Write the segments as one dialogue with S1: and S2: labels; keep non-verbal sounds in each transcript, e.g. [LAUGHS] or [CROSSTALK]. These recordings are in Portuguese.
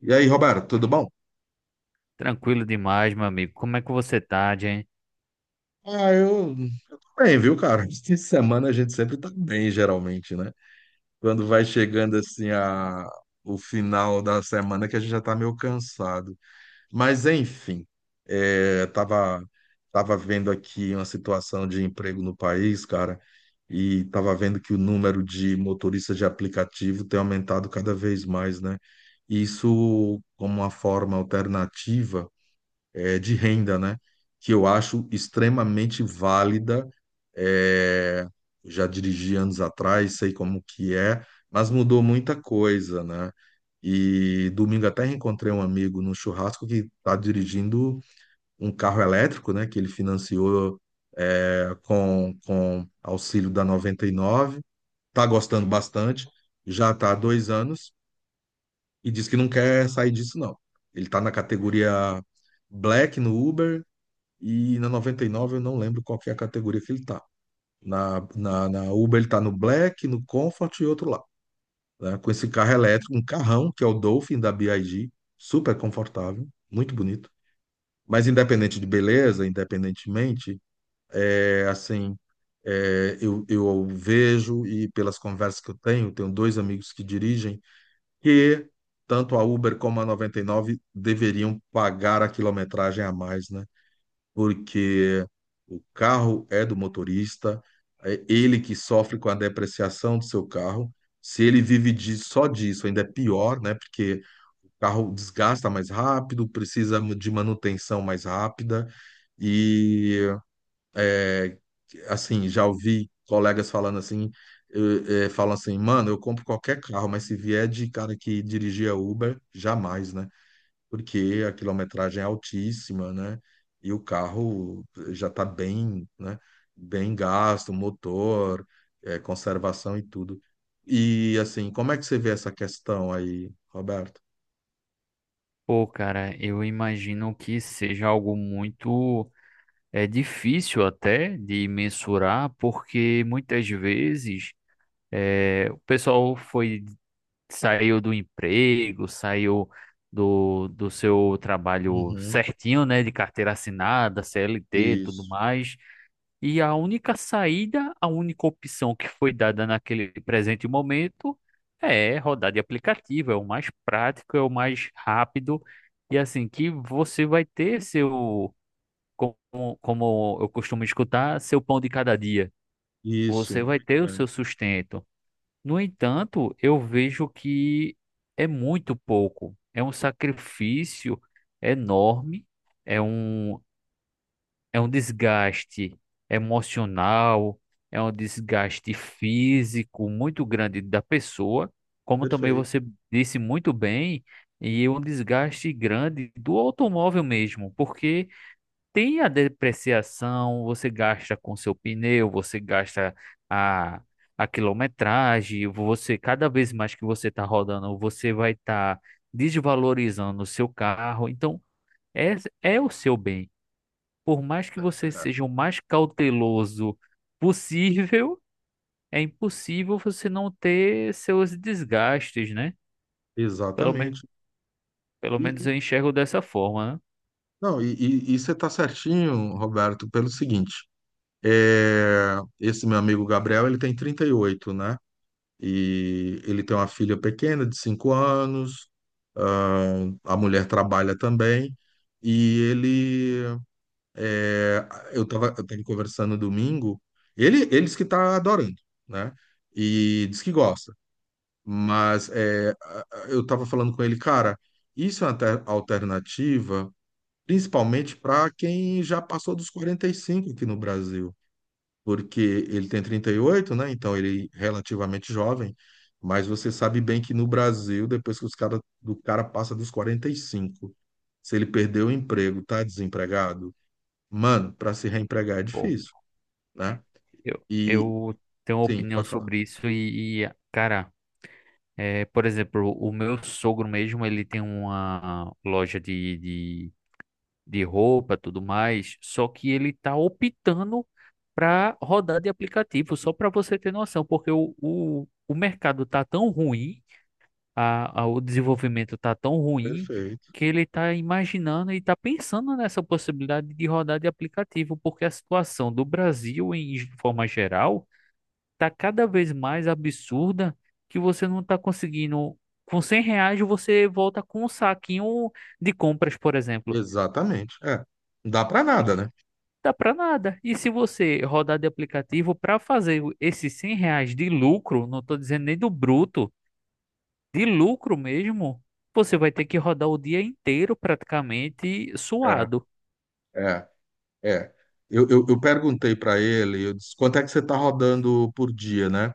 S1: E aí, Roberto, tudo bom?
S2: Tranquilo demais, meu amigo. Como é que você tá, Jen?
S1: Ah, eu, eu tô bem, viu, cara? [LAUGHS] Essa semana a gente sempre tá bem, geralmente, né? Quando vai chegando assim o final da semana que a gente já tá meio cansado. Mas enfim, é, tava, tava vendo aqui uma situação de emprego no país, cara, e tava vendo que o número de motoristas de aplicativo tem aumentado cada vez mais, né? Isso como uma forma alternativa de renda, né? Que eu acho extremamente válida. eh, Já dirigi anos atrás, sei como que é, mas mudou muita coisa, né? E domingo até reencontrei um amigo no churrasco que está dirigindo um carro elétrico, né? Que ele financiou com auxílio da 99. Tá gostando bastante, já está há 2 anos e diz que não quer sair disso, não. Ele está na categoria Black no Uber e na 99 eu não lembro qual que é a categoria que ele tá. Na Uber ele tá no Black, no Comfort e outro lá. Né? Com esse carro elétrico, um carrão, que é o Dolphin da BIG, super confortável, muito bonito. Mas independente de beleza, independentemente, é assim, eu vejo e pelas conversas que eu tenho, tenho dois amigos que dirigem, que tanto a Uber como a 99 deveriam pagar a quilometragem a mais, né? Porque o carro é do motorista, é ele que sofre com a depreciação do seu carro. Se ele vive de, só disso, ainda é pior, né? Porque o carro desgasta mais rápido, precisa de manutenção mais rápida. E, é, assim, já ouvi colegas falando assim, falam assim, mano, eu compro qualquer carro, mas se vier de cara que dirigia Uber, jamais, né? Porque a quilometragem é altíssima, né? E o carro já está bem, né? Bem gasto, motor, conservação e tudo. E assim, como é que você vê essa questão aí, Roberto?
S2: Pô, cara, eu imagino que seja algo muito difícil até de mensurar, porque muitas vezes o pessoal foi saiu do emprego, saiu do seu trabalho
S1: Uhum.
S2: certinho, né, de carteira assinada, CLT, tudo
S1: Isso,
S2: mais. E a única saída, a única opção que foi dada naquele presente momento é rodar de aplicativo, é o mais prático, é o mais rápido, e assim que você vai ter seu, como, como eu costumo escutar, seu pão de cada dia.
S1: isso,
S2: Você vai
S1: muito
S2: ter o
S1: bem,
S2: seu sustento. No entanto, eu vejo que é muito pouco, é um sacrifício enorme, é um, é um desgaste emocional, é um desgaste físico muito grande da pessoa, como também
S1: perfeito.
S2: você disse muito bem, e é um desgaste grande do automóvel mesmo, porque tem a depreciação, você gasta com seu pneu, você gasta a, a quilometragem, você cada vez mais que você está rodando, você vai estar desvalorizando o seu carro, então é, é o seu bem, por mais que você seja o mais cauteloso possível, é impossível você não ter seus desgastes, né?
S1: É,
S2: Pelo menos,
S1: exatamente.
S2: pelo menos
S1: E-
S2: eu enxergo dessa forma, né?
S1: não, e você está certinho, Roberto, pelo seguinte. É, esse meu amigo Gabriel, ele tem 38, né? E ele tem uma filha pequena de 5 anos, ah, a mulher trabalha também, e ele, é, eu tava conversando domingo, ele disse que está adorando, né? E diz que gosta, mas é, eu estava falando com ele, cara, isso é uma alternativa, principalmente para quem já passou dos 45 aqui no Brasil, porque ele tem 38, né? Então ele é relativamente jovem, mas você sabe bem que no Brasil, depois que os cara, do cara passa dos 45, se ele perdeu o emprego, tá desempregado, mano, para se reempregar é
S2: Bom,
S1: difícil, né?
S2: eu,
S1: E
S2: eu tenho uma
S1: sim,
S2: opinião
S1: pode falar.
S2: sobre isso e, cara, é, por exemplo, o meu sogro mesmo, ele tem uma loja de roupa, tudo mais, só que ele tá optando para rodar de aplicativo, só para você ter noção, porque o mercado tá tão ruim a- o desenvolvimento tá tão ruim
S1: Perfeito.
S2: que ele tá imaginando e tá pensando nessa possibilidade de rodar de aplicativo, porque a situação do Brasil, em ge- forma geral, tá cada vez mais absurda que você não tá conseguindo. Com 100 reais você volta com um saquinho de compras, por exemplo.
S1: Exatamente. É. Não dá para nada, né?
S2: Dá para nada. E se você rodar de aplicativo para fazer o- esses 100 reais de lucro, não estou dizendo nem do bruto, de lucro mesmo, você vai ter que rodar o dia inteiro praticamente
S1: É,
S2: suado.
S1: é, é. Eu perguntei para ele, eu disse, quanto é que você tá rodando por dia, né?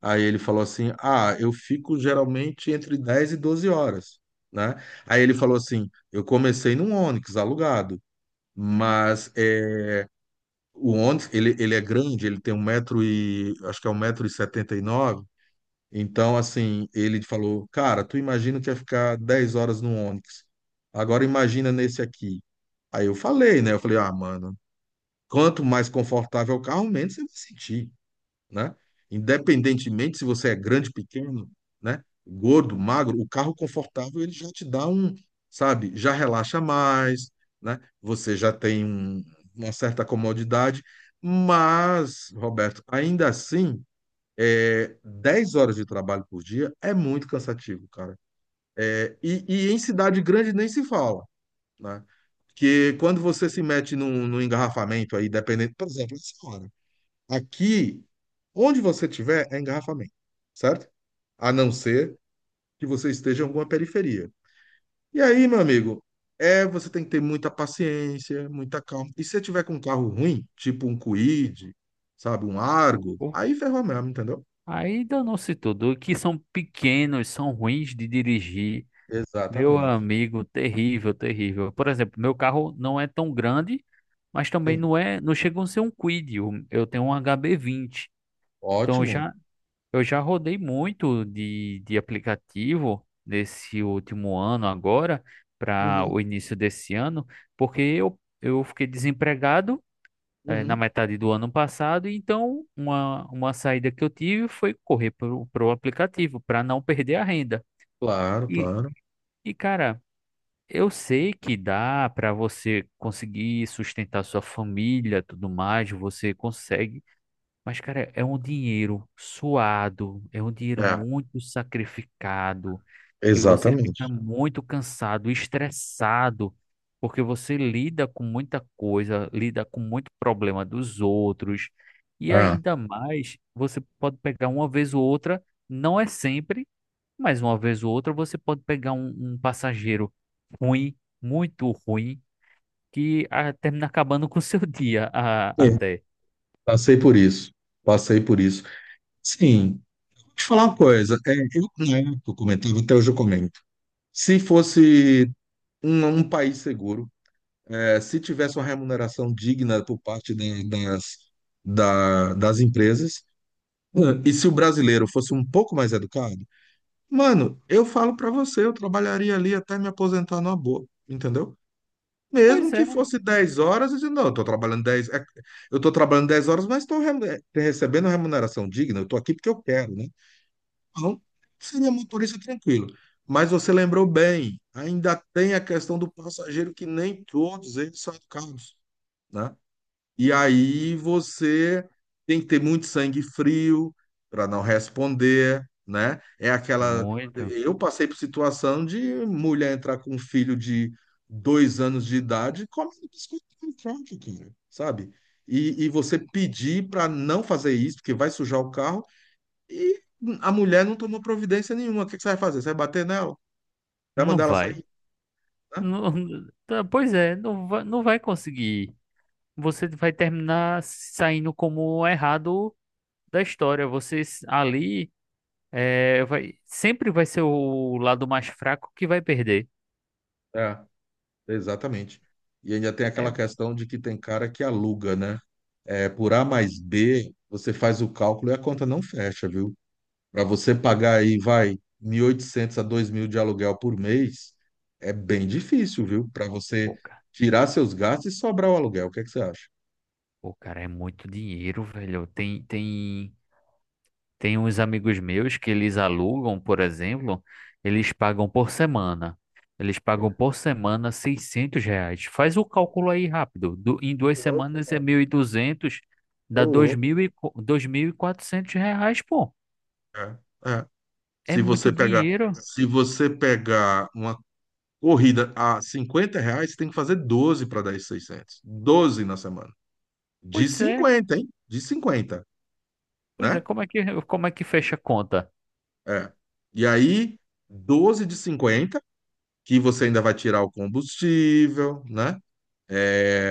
S1: Aí ele falou assim: ah, eu fico geralmente entre 10 e 12 horas, né? Aí ele falou assim: eu comecei num Onix alugado, mas é, o Onix ele é grande, ele tem um metro e acho que é 1,79 m. Então, assim, ele falou: cara, tu imagina que ia ficar 10 horas no Onix. Agora imagina nesse aqui. Aí eu falei, né? Eu falei: ah, mano, quanto mais confortável o carro, menos você vai sentir, né? Independentemente se você é grande, pequeno, né? Gordo, magro, o carro confortável ele já te dá um, sabe? Já relaxa mais, né? Você já tem uma certa comodidade, mas, Roberto, ainda assim, é, 10 horas de trabalho por dia é muito cansativo, cara. É, e em cidade grande nem se fala, né? Porque quando você se mete num engarrafamento aí, dependendo, por exemplo, essa hora. Aqui, onde você tiver, é engarrafamento, certo? A não ser que você esteja em alguma periferia. E aí, meu amigo, é, você tem que ter muita paciência, muita calma. E se você tiver com um carro ruim, tipo um Kwid, sabe, um Argo,
S2: Pô,
S1: aí ferrou mesmo, entendeu?
S2: aí danou-se tudo. Que são pequenos, são ruins de dirigir. Meu
S1: Exatamente.
S2: amigo, terrível, terrível. Por exemplo, meu carro não é tão grande, mas também
S1: Sim.
S2: não é, não chega a ser um Kwid. Eu tenho um HB20. Então
S1: Ótimo.
S2: eu já rodei muito de aplicativo nesse último ano agora para
S1: Uhum,
S2: o início desse ano, porque eu fiquei desempregado na
S1: uhum.
S2: metade do ano passado. Então, uma saída que eu tive foi correr para o aplicativo para não perder a renda. E,
S1: Claro.
S2: e, cara, eu sei que dá para você conseguir sustentar sua família, tudo mais, você consegue, mas, cara, é um dinheiro suado, é um dinheiro
S1: É,
S2: muito sacrificado, que você fica
S1: exatamente.
S2: muito cansado, estressado, porque você lida com muita coisa, lida com muito problema dos outros, e
S1: É.
S2: ainda mais, você pode pegar uma vez ou outra, não é sempre, mas uma vez ou outra você pode pegar um passageiro ruim, muito ruim, que ah, termina acabando com o seu [LAUGHS] dia a-
S1: É,
S2: até.
S1: passei por isso. Passei por isso. Sim, deixa eu falar uma coisa. É, eu comentava, até hoje eu comento. Se fosse um país seguro, é, se tivesse uma remuneração digna por parte das, das empresas, e se o brasileiro fosse um pouco mais educado, mano, eu falo pra você, eu trabalharia ali até me aposentar numa boa, entendeu? Mesmo
S2: Pois é,
S1: que fosse 10 horas, eu digo, não, eu tô eu tô trabalhando 10 horas, mas estou recebendo remuneração digna, eu tô aqui porque eu quero, né? Não, seria motorista tranquilo. Mas você lembrou bem, ainda tem a questão do passageiro que nem todos eles são educados, né? E aí você tem que ter muito sangue frio para não responder, né? É aquela.
S2: muito.
S1: Eu passei por situação de mulher entrar com um filho de 2 anos de idade comendo biscoito com troca, cara, sabe? E você pedir para não fazer isso, porque vai sujar o carro e a mulher não tomou providência nenhuma. O que que você vai fazer? Você vai bater nela? Vai
S2: Não
S1: mandar ela
S2: vai.
S1: sair? Né?
S2: Não- tá, pois é, não vai, não vai conseguir. Você vai terminar saindo como errado da história. Você s- ali é, vai, sempre vai ser o lado mais fraco que vai perder.
S1: É, exatamente. E ainda tem
S2: É,
S1: aquela questão de que tem cara que aluga, né? É, por A mais B, você faz o cálculo e a conta não fecha, viu? Para você
S2: o,
S1: pagar aí, vai, 1.800 a 2.000 de aluguel por mês, é bem difícil, viu? Para você
S2: o, ca-
S1: tirar seus gastos e sobrar o aluguel. O que é que você acha?
S2: o cara é muito dinheiro, velho. Tem, tem tem uns amigos meus que eles alugam, por exemplo, eles pagam por semana. Eles pagam por semana 600 reais. Faz o cálculo aí rápido. Du- em duas
S1: Ô louco,
S2: semanas é
S1: mano.
S2: 1.200,
S1: Ô
S2: dá dois
S1: louco.
S2: mil e co- 2.400 reais, pô.
S1: É, é.
S2: É
S1: Se
S2: muito
S1: você pegar,
S2: dinheiro.
S1: se você pegar uma corrida a R$ 50, você tem que fazer 12 para dar esses 600. 12 na semana. De
S2: Pois é,
S1: 50 hein? De 50,
S2: pois é.
S1: né?
S2: Como é que fecha a conta?
S1: É. E aí, 12 de 50 que você ainda vai tirar o combustível, né? É,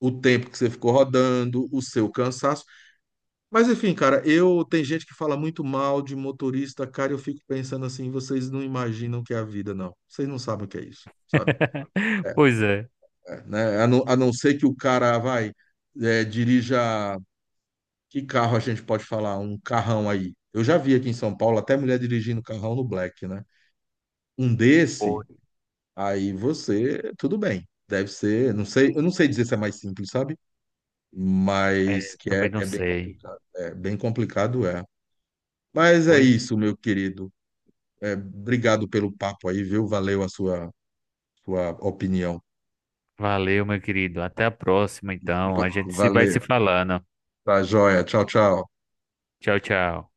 S1: o tempo que você ficou rodando, o seu cansaço. Mas enfim, cara, eu tem gente que fala muito mal de motorista, cara, eu fico pensando assim, vocês não imaginam o que é a vida, não. Vocês não sabem o que é isso, sabe? É,
S2: [LAUGHS] Pois é.
S1: né? A não ser que o cara vai, é, dirija. Que carro a gente pode falar? Um carrão aí. Eu já vi aqui em São Paulo até mulher dirigindo carrão no Black, né? Um
S2: Pô,
S1: desse, aí você, tudo bem. Deve ser, não sei, eu não sei dizer se é mais simples, sabe? Mas
S2: é,
S1: que
S2: também
S1: é,
S2: não
S1: é bem
S2: sei.
S1: complicado. É bem complicado, é. Mas é
S2: Pois
S1: isso, meu querido. É, obrigado pelo papo aí, viu? Valeu a sua, sua opinião.
S2: valeu, meu querido. Até a próxima, então.
S1: Va-
S2: A gente se vai
S1: Valeu.
S2: se falando.
S1: Tá joia. Tchau, tchau.
S2: Tchau, tchau.